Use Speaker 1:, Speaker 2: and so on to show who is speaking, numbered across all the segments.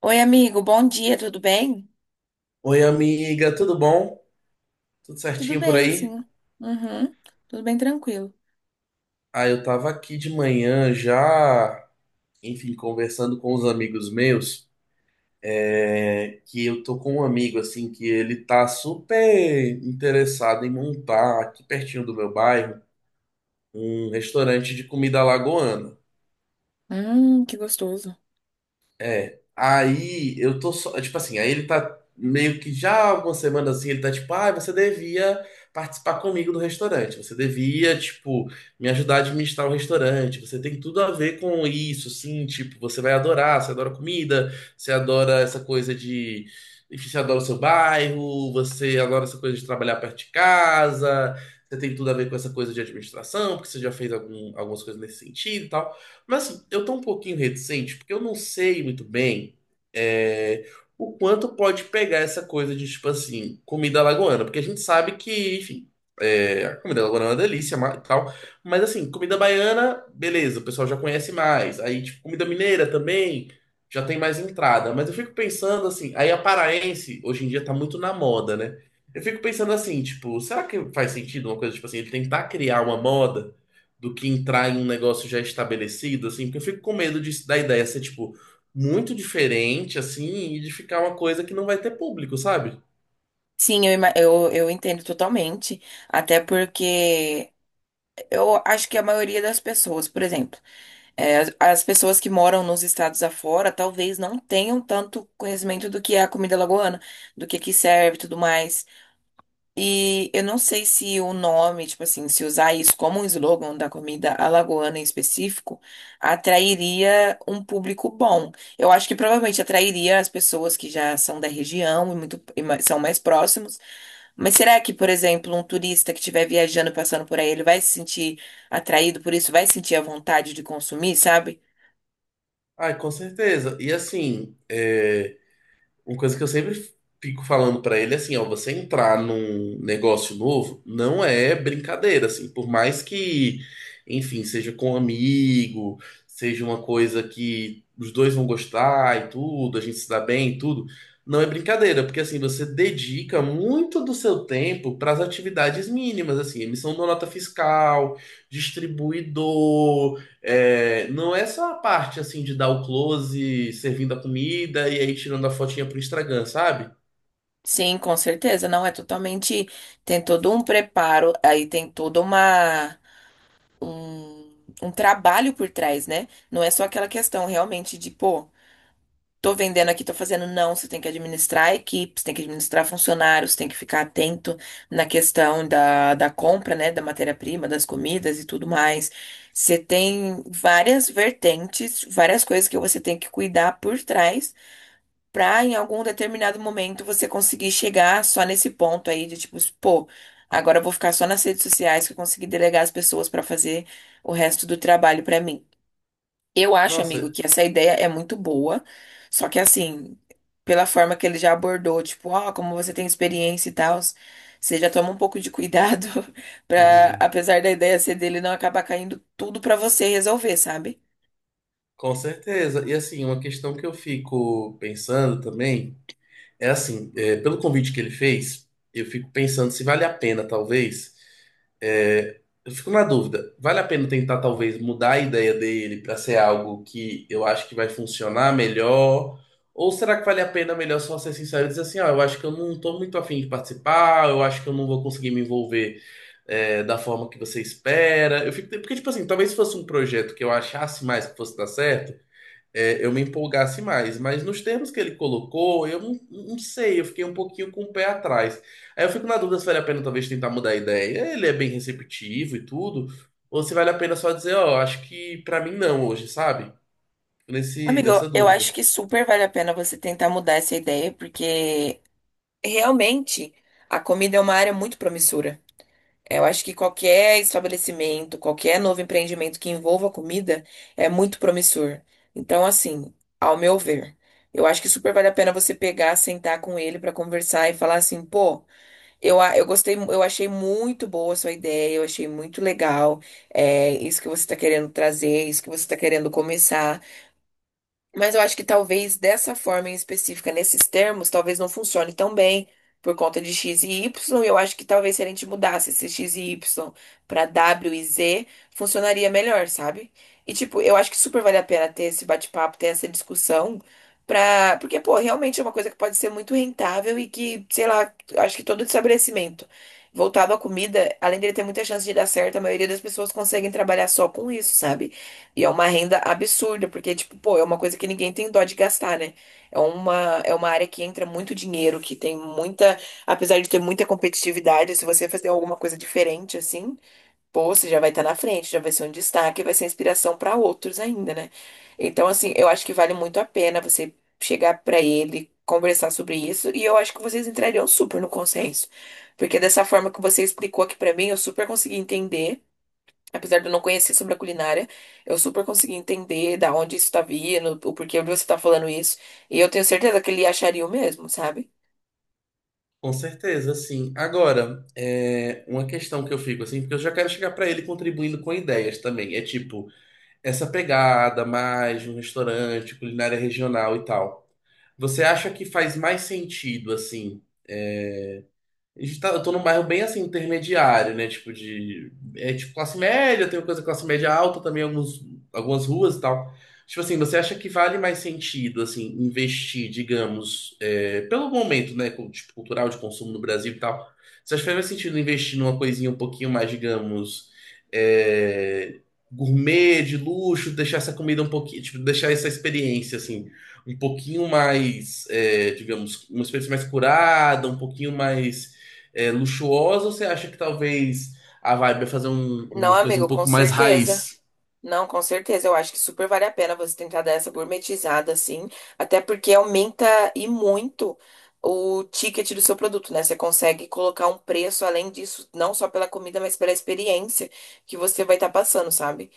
Speaker 1: Oi, amigo, bom dia, tudo bem?
Speaker 2: Oi, amiga, tudo bom? Tudo
Speaker 1: Tudo
Speaker 2: certinho por
Speaker 1: bem,
Speaker 2: aí?
Speaker 1: sim. Uhum, tudo bem tranquilo.
Speaker 2: Ah, eu tava aqui de manhã já, enfim, conversando com os amigos meus, que eu tô com um amigo, assim, que ele tá super interessado em montar, aqui pertinho do meu bairro, um restaurante de comida alagoana.
Speaker 1: Que gostoso.
Speaker 2: É, aí eu tô só, tipo assim, aí ele tá meio que já há algumas semanas assim, ele tá tipo, ah, você devia participar comigo do restaurante, você devia, tipo, me ajudar a administrar o restaurante, você tem tudo a ver com isso, sim, tipo, você vai adorar, você adora comida, você adora essa coisa de, enfim, você adora o seu bairro, você adora essa coisa de trabalhar perto de casa, você tem tudo a ver com essa coisa de administração, porque você já fez algum, algumas coisas nesse sentido e tal. Mas assim, eu tô um pouquinho reticente, porque eu não sei muito bem é, o quanto pode pegar essa coisa de, tipo assim, comida lagoana. Porque a gente sabe que, enfim, a comida lagoana é uma delícia e tal. Mas assim, comida baiana, beleza, o pessoal já conhece mais. Aí, tipo, comida mineira também já tem mais entrada. Mas eu fico pensando assim, aí a paraense hoje em dia tá muito na moda, né? Eu fico pensando assim, tipo, será que faz sentido uma coisa, tipo assim, ele tentar criar uma moda do que entrar em um negócio já estabelecido, assim, porque eu fico com medo de da ideia ser, tipo, muito diferente, assim, e de ficar uma coisa que não vai ter público, sabe?
Speaker 1: Sim, eu entendo totalmente. Até porque eu acho que a maioria das pessoas, por exemplo, as, pessoas que moram nos estados afora talvez não tenham tanto conhecimento do que é a comida lagoana, do que serve e tudo mais. E eu não sei se o nome, tipo assim, se usar isso como um slogan da comida alagoana em específico, atrairia um público bom. Eu acho que provavelmente atrairia as pessoas que já são da região e são mais próximos. Mas será que, por exemplo, um turista que estiver viajando, passando por aí, ele vai se sentir atraído por isso? Vai sentir a vontade de consumir, sabe?
Speaker 2: Ai, com certeza. E assim, uma coisa que eu sempre fico falando pra ele é assim, ó, você entrar num negócio novo não é brincadeira, assim, por mais que, enfim, seja com um amigo, seja uma coisa que os dois vão gostar e tudo, a gente se dá bem e tudo, não é brincadeira, porque assim, você dedica muito do seu tempo para as atividades mínimas, assim, emissão da nota fiscal, distribuidor, não é só a parte assim de dar o close, servindo a comida e aí tirando a fotinha pro Instagram, sabe?
Speaker 1: Sim, com certeza. Não, é totalmente. Tem todo um preparo, aí tem toda um, um trabalho por trás, né? Não é só aquela questão realmente de, pô, tô vendendo aqui, tô fazendo. Não, você tem que administrar a equipe, você tem que administrar funcionários, tem que ficar atento na questão da compra, né? Da matéria-prima, das comidas e tudo mais. Você tem várias vertentes, várias coisas que você tem que cuidar por trás pra em algum determinado momento você conseguir chegar só nesse ponto aí de tipo, pô, agora eu vou ficar só nas redes sociais que eu consegui delegar as pessoas pra fazer o resto do trabalho pra mim. Eu acho, amigo,
Speaker 2: Nossa,
Speaker 1: que essa ideia é muito boa, só que assim, pela forma que ele já abordou, tipo, ó, como você tem experiência e tal, você já toma um pouco de cuidado pra,
Speaker 2: uhum,
Speaker 1: apesar da ideia ser dele, não acabar caindo tudo pra você resolver, sabe?
Speaker 2: com certeza. E assim, uma questão que eu fico pensando também. É assim, pelo convite que ele fez, eu fico pensando se vale a pena, talvez. É, eu fico na dúvida. Vale a pena tentar, talvez, mudar a ideia dele para ser algo que eu acho que vai funcionar melhor? Ou será que vale a pena melhor só ser sincero e dizer assim, ó, eu acho que eu não tô muito afim de participar, eu acho que eu não vou conseguir me envolver, da forma que você espera. Eu fico, porque, tipo assim, talvez se fosse um projeto que eu achasse mais que fosse dar certo eu me empolgasse mais. Mas nos termos que ele colocou, eu não, não sei, eu fiquei um pouquinho com o pé atrás. Aí eu fico na dúvida se vale a pena talvez tentar mudar a ideia. Ele é bem receptivo e tudo, ou se vale a pena só dizer, ó, acho que pra mim não hoje, sabe?
Speaker 1: Amigo,
Speaker 2: Nessa
Speaker 1: eu
Speaker 2: dúvida.
Speaker 1: acho que super vale a pena você tentar mudar essa ideia, porque realmente, a comida é uma área muito promissora. Eu acho que qualquer estabelecimento, qualquer novo empreendimento que envolva comida é muito promissor. Então, assim, ao meu ver, eu acho que super vale a pena você pegar, sentar com ele para conversar e falar assim, pô, eu gostei, eu achei muito boa a sua ideia, eu achei muito legal, é isso que você está querendo trazer, isso que você está querendo começar. Mas eu acho que talvez dessa forma em específica, nesses termos, talvez não funcione tão bem por conta de X e Y. Eu acho que talvez se a gente mudasse esse X e Y para W e Z, funcionaria melhor, sabe? E tipo, eu acho que super vale a pena ter esse bate-papo, ter essa discussão, pra... porque, pô, realmente é uma coisa que pode ser muito rentável e que, sei lá, eu acho que todo estabelecimento voltado à comida, além dele ter muita chance de dar certo, a maioria das pessoas conseguem trabalhar só com isso, sabe? E é uma renda absurda, porque, tipo, pô, é uma coisa que ninguém tem dó de gastar, né? É uma área que entra muito dinheiro, que tem muita, apesar de ter muita competitividade, se você fazer alguma coisa diferente, assim, pô, você já vai estar na frente, já vai ser um destaque, vai ser inspiração para outros ainda, né? Então, assim, eu acho que vale muito a pena você chegar para ele, conversar sobre isso, e eu acho que vocês entrariam super no consenso. Porque dessa forma que você explicou aqui para mim, eu super consegui entender. Apesar de eu não conhecer sobre a culinária, eu super consegui entender da onde isso tá vindo, o porquê de você tá falando isso. E eu tenho certeza que ele acharia o mesmo, sabe?
Speaker 2: Com certeza, sim. Agora, é uma questão que eu fico assim, porque eu já quero chegar pra ele contribuindo com ideias também. É tipo, essa pegada mais de um restaurante, culinária regional e tal. Você acha que faz mais sentido assim? Eu tô num bairro bem assim, intermediário, né? Tipo de. É tipo classe média, tem coisa de classe média alta também, alguns, algumas ruas e tal. Tipo assim, você acha que vale mais sentido, assim, investir, digamos, pelo momento, né? Tipo, cultural de consumo no Brasil e tal. Você acha que faz mais sentido investir numa coisinha um pouquinho mais, digamos, é, gourmet, de luxo, deixar essa comida um pouquinho, tipo, deixar essa experiência, assim, um pouquinho mais, digamos, uma experiência mais curada, um pouquinho mais luxuosa, ou você acha que talvez a vibe é fazer
Speaker 1: Não,
Speaker 2: uma coisa um
Speaker 1: amigo, com
Speaker 2: pouco mais
Speaker 1: certeza.
Speaker 2: raiz?
Speaker 1: Não, com certeza. Eu acho que super vale a pena você tentar dar essa gourmetizada, assim, até porque aumenta e muito o ticket do seu produto, né? Você consegue colocar um preço além disso, não só pela comida, mas pela experiência que você vai estar passando, sabe?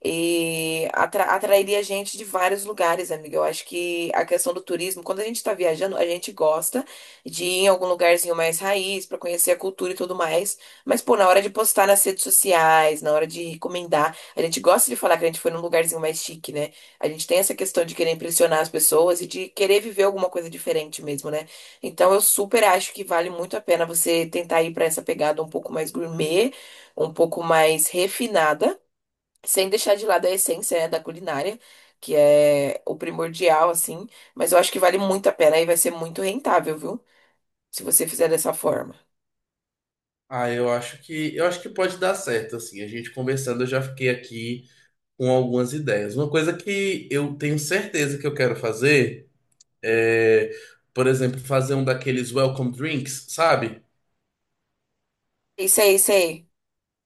Speaker 1: E atrairia gente de vários lugares, amiga. Eu acho que a questão do turismo, quando a gente está viajando, a gente gosta de ir em algum lugarzinho mais raiz para conhecer a cultura e tudo mais. Mas, pô, na hora de postar nas redes sociais, na hora de recomendar, a gente gosta de falar que a gente foi num lugarzinho mais chique, né? A gente tem essa questão de querer impressionar as pessoas e de querer viver alguma coisa diferente mesmo, né? Então, eu super acho que vale muito a pena você tentar ir para essa pegada um pouco mais gourmet, um pouco mais refinada sem deixar de lado a essência, né, da culinária, que é o primordial, assim. Mas eu acho que vale muito a pena e vai ser muito rentável, viu? Se você fizer dessa forma.
Speaker 2: Ah, eu acho que pode dar certo, assim. A gente conversando, eu já fiquei aqui com algumas ideias. Uma coisa que eu tenho certeza que eu quero fazer é, por exemplo, fazer um daqueles welcome drinks, sabe?
Speaker 1: Isso aí, isso aí.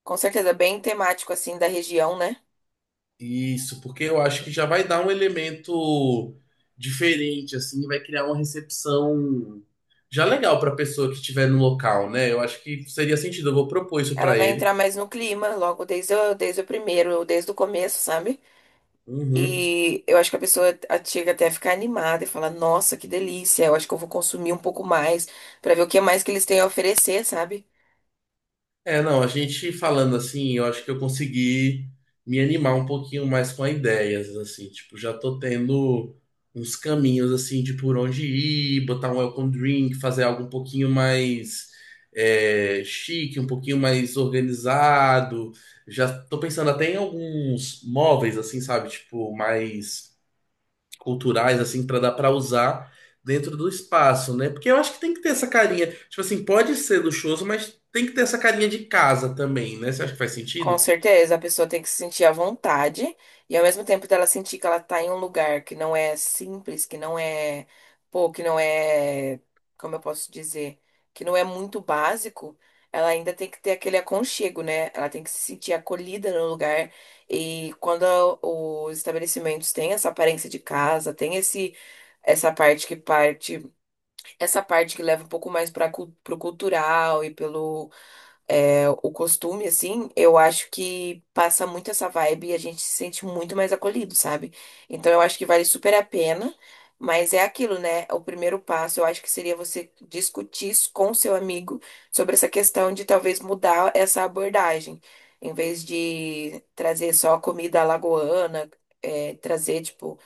Speaker 1: Com certeza, bem temático, assim, da região, né?
Speaker 2: Isso, porque eu acho que já vai dar um elemento diferente, assim, vai criar uma recepção já legal para a pessoa que estiver no local, né? Eu acho que seria sentido, eu vou propor isso
Speaker 1: Ela
Speaker 2: para
Speaker 1: vai
Speaker 2: ele.
Speaker 1: entrar mais no clima, logo desde o primeiro, desde o começo, sabe?
Speaker 2: Uhum.
Speaker 1: E eu acho que a pessoa chega até a ficar animada e fala, nossa, que delícia, eu acho que eu vou consumir um pouco mais pra ver o que mais que eles têm a oferecer, sabe?
Speaker 2: É, não, a gente falando assim, eu acho que eu consegui me animar um pouquinho mais com as ideias, assim, tipo, já tô tendo uns caminhos, assim, de por onde ir, botar um welcome drink, fazer algo um pouquinho mais chique, um pouquinho mais organizado. Já tô pensando até em alguns móveis, assim, sabe, tipo, mais culturais assim para dar para usar dentro do espaço, né? Porque eu acho que tem que ter essa carinha, tipo assim, pode ser luxuoso, mas tem que ter essa carinha de casa também, né? Você acha que faz
Speaker 1: Com
Speaker 2: sentido?
Speaker 1: certeza, a pessoa tem que se sentir à vontade e ao mesmo tempo dela sentir que ela tá em um lugar que não é simples, que não é, pô, que não é, como eu posso dizer, que não é muito básico, ela ainda tem que ter aquele aconchego, né? Ela tem que se sentir acolhida no lugar e quando os estabelecimentos têm essa aparência de casa, tem esse essa parte que parte, essa parte que leva um pouco mais para pro cultural e pelo o costume, assim, eu acho que passa muito essa vibe e a gente se sente muito mais acolhido, sabe? Então eu acho que vale super a pena, mas é aquilo, né? O primeiro passo eu acho que seria você discutir isso com seu amigo sobre essa questão de talvez mudar essa abordagem. Em vez de trazer só comida alagoana, é, trazer, tipo.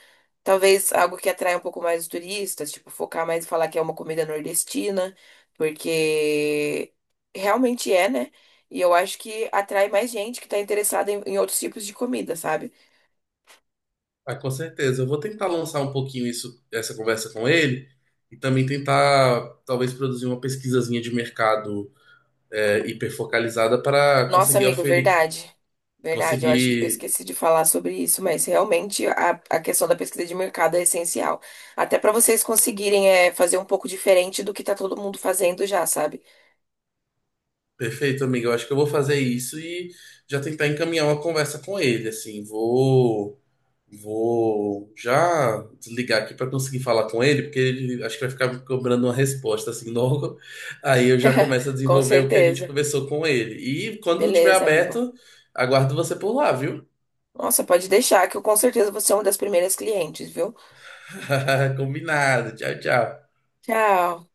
Speaker 1: Talvez algo que atrai um pouco mais os turistas, tipo, focar mais e falar que é uma comida nordestina, porque realmente é, né? E eu acho que atrai mais gente que tá interessada em outros tipos de comida, sabe?
Speaker 2: Ah, com certeza. Eu vou tentar lançar um pouquinho isso, essa conversa com ele e também tentar talvez produzir uma pesquisazinha de mercado hiperfocalizada para
Speaker 1: Nossa,
Speaker 2: conseguir
Speaker 1: amigo,
Speaker 2: oferir,
Speaker 1: verdade. Verdade, eu acho que eu
Speaker 2: conseguir
Speaker 1: esqueci de falar sobre isso, mas realmente a questão da pesquisa de mercado é essencial. Até para vocês conseguirem é, fazer um pouco diferente do que tá todo mundo fazendo já, sabe?
Speaker 2: Perfeito, amigo. Eu acho que eu vou fazer isso e já tentar encaminhar uma conversa com ele, assim, vou já desligar aqui para conseguir falar com ele, porque ele acho que vai ficar me cobrando uma resposta assim logo. Aí eu já começo a
Speaker 1: Com
Speaker 2: desenvolver o que a gente
Speaker 1: certeza.
Speaker 2: conversou com ele. E quando tiver
Speaker 1: Beleza, amigo.
Speaker 2: aberto, aguardo você por lá, viu?
Speaker 1: Nossa, pode deixar que eu com certeza vou ser uma das primeiras clientes, viu?
Speaker 2: Combinado. Tchau, tchau.
Speaker 1: Tchau.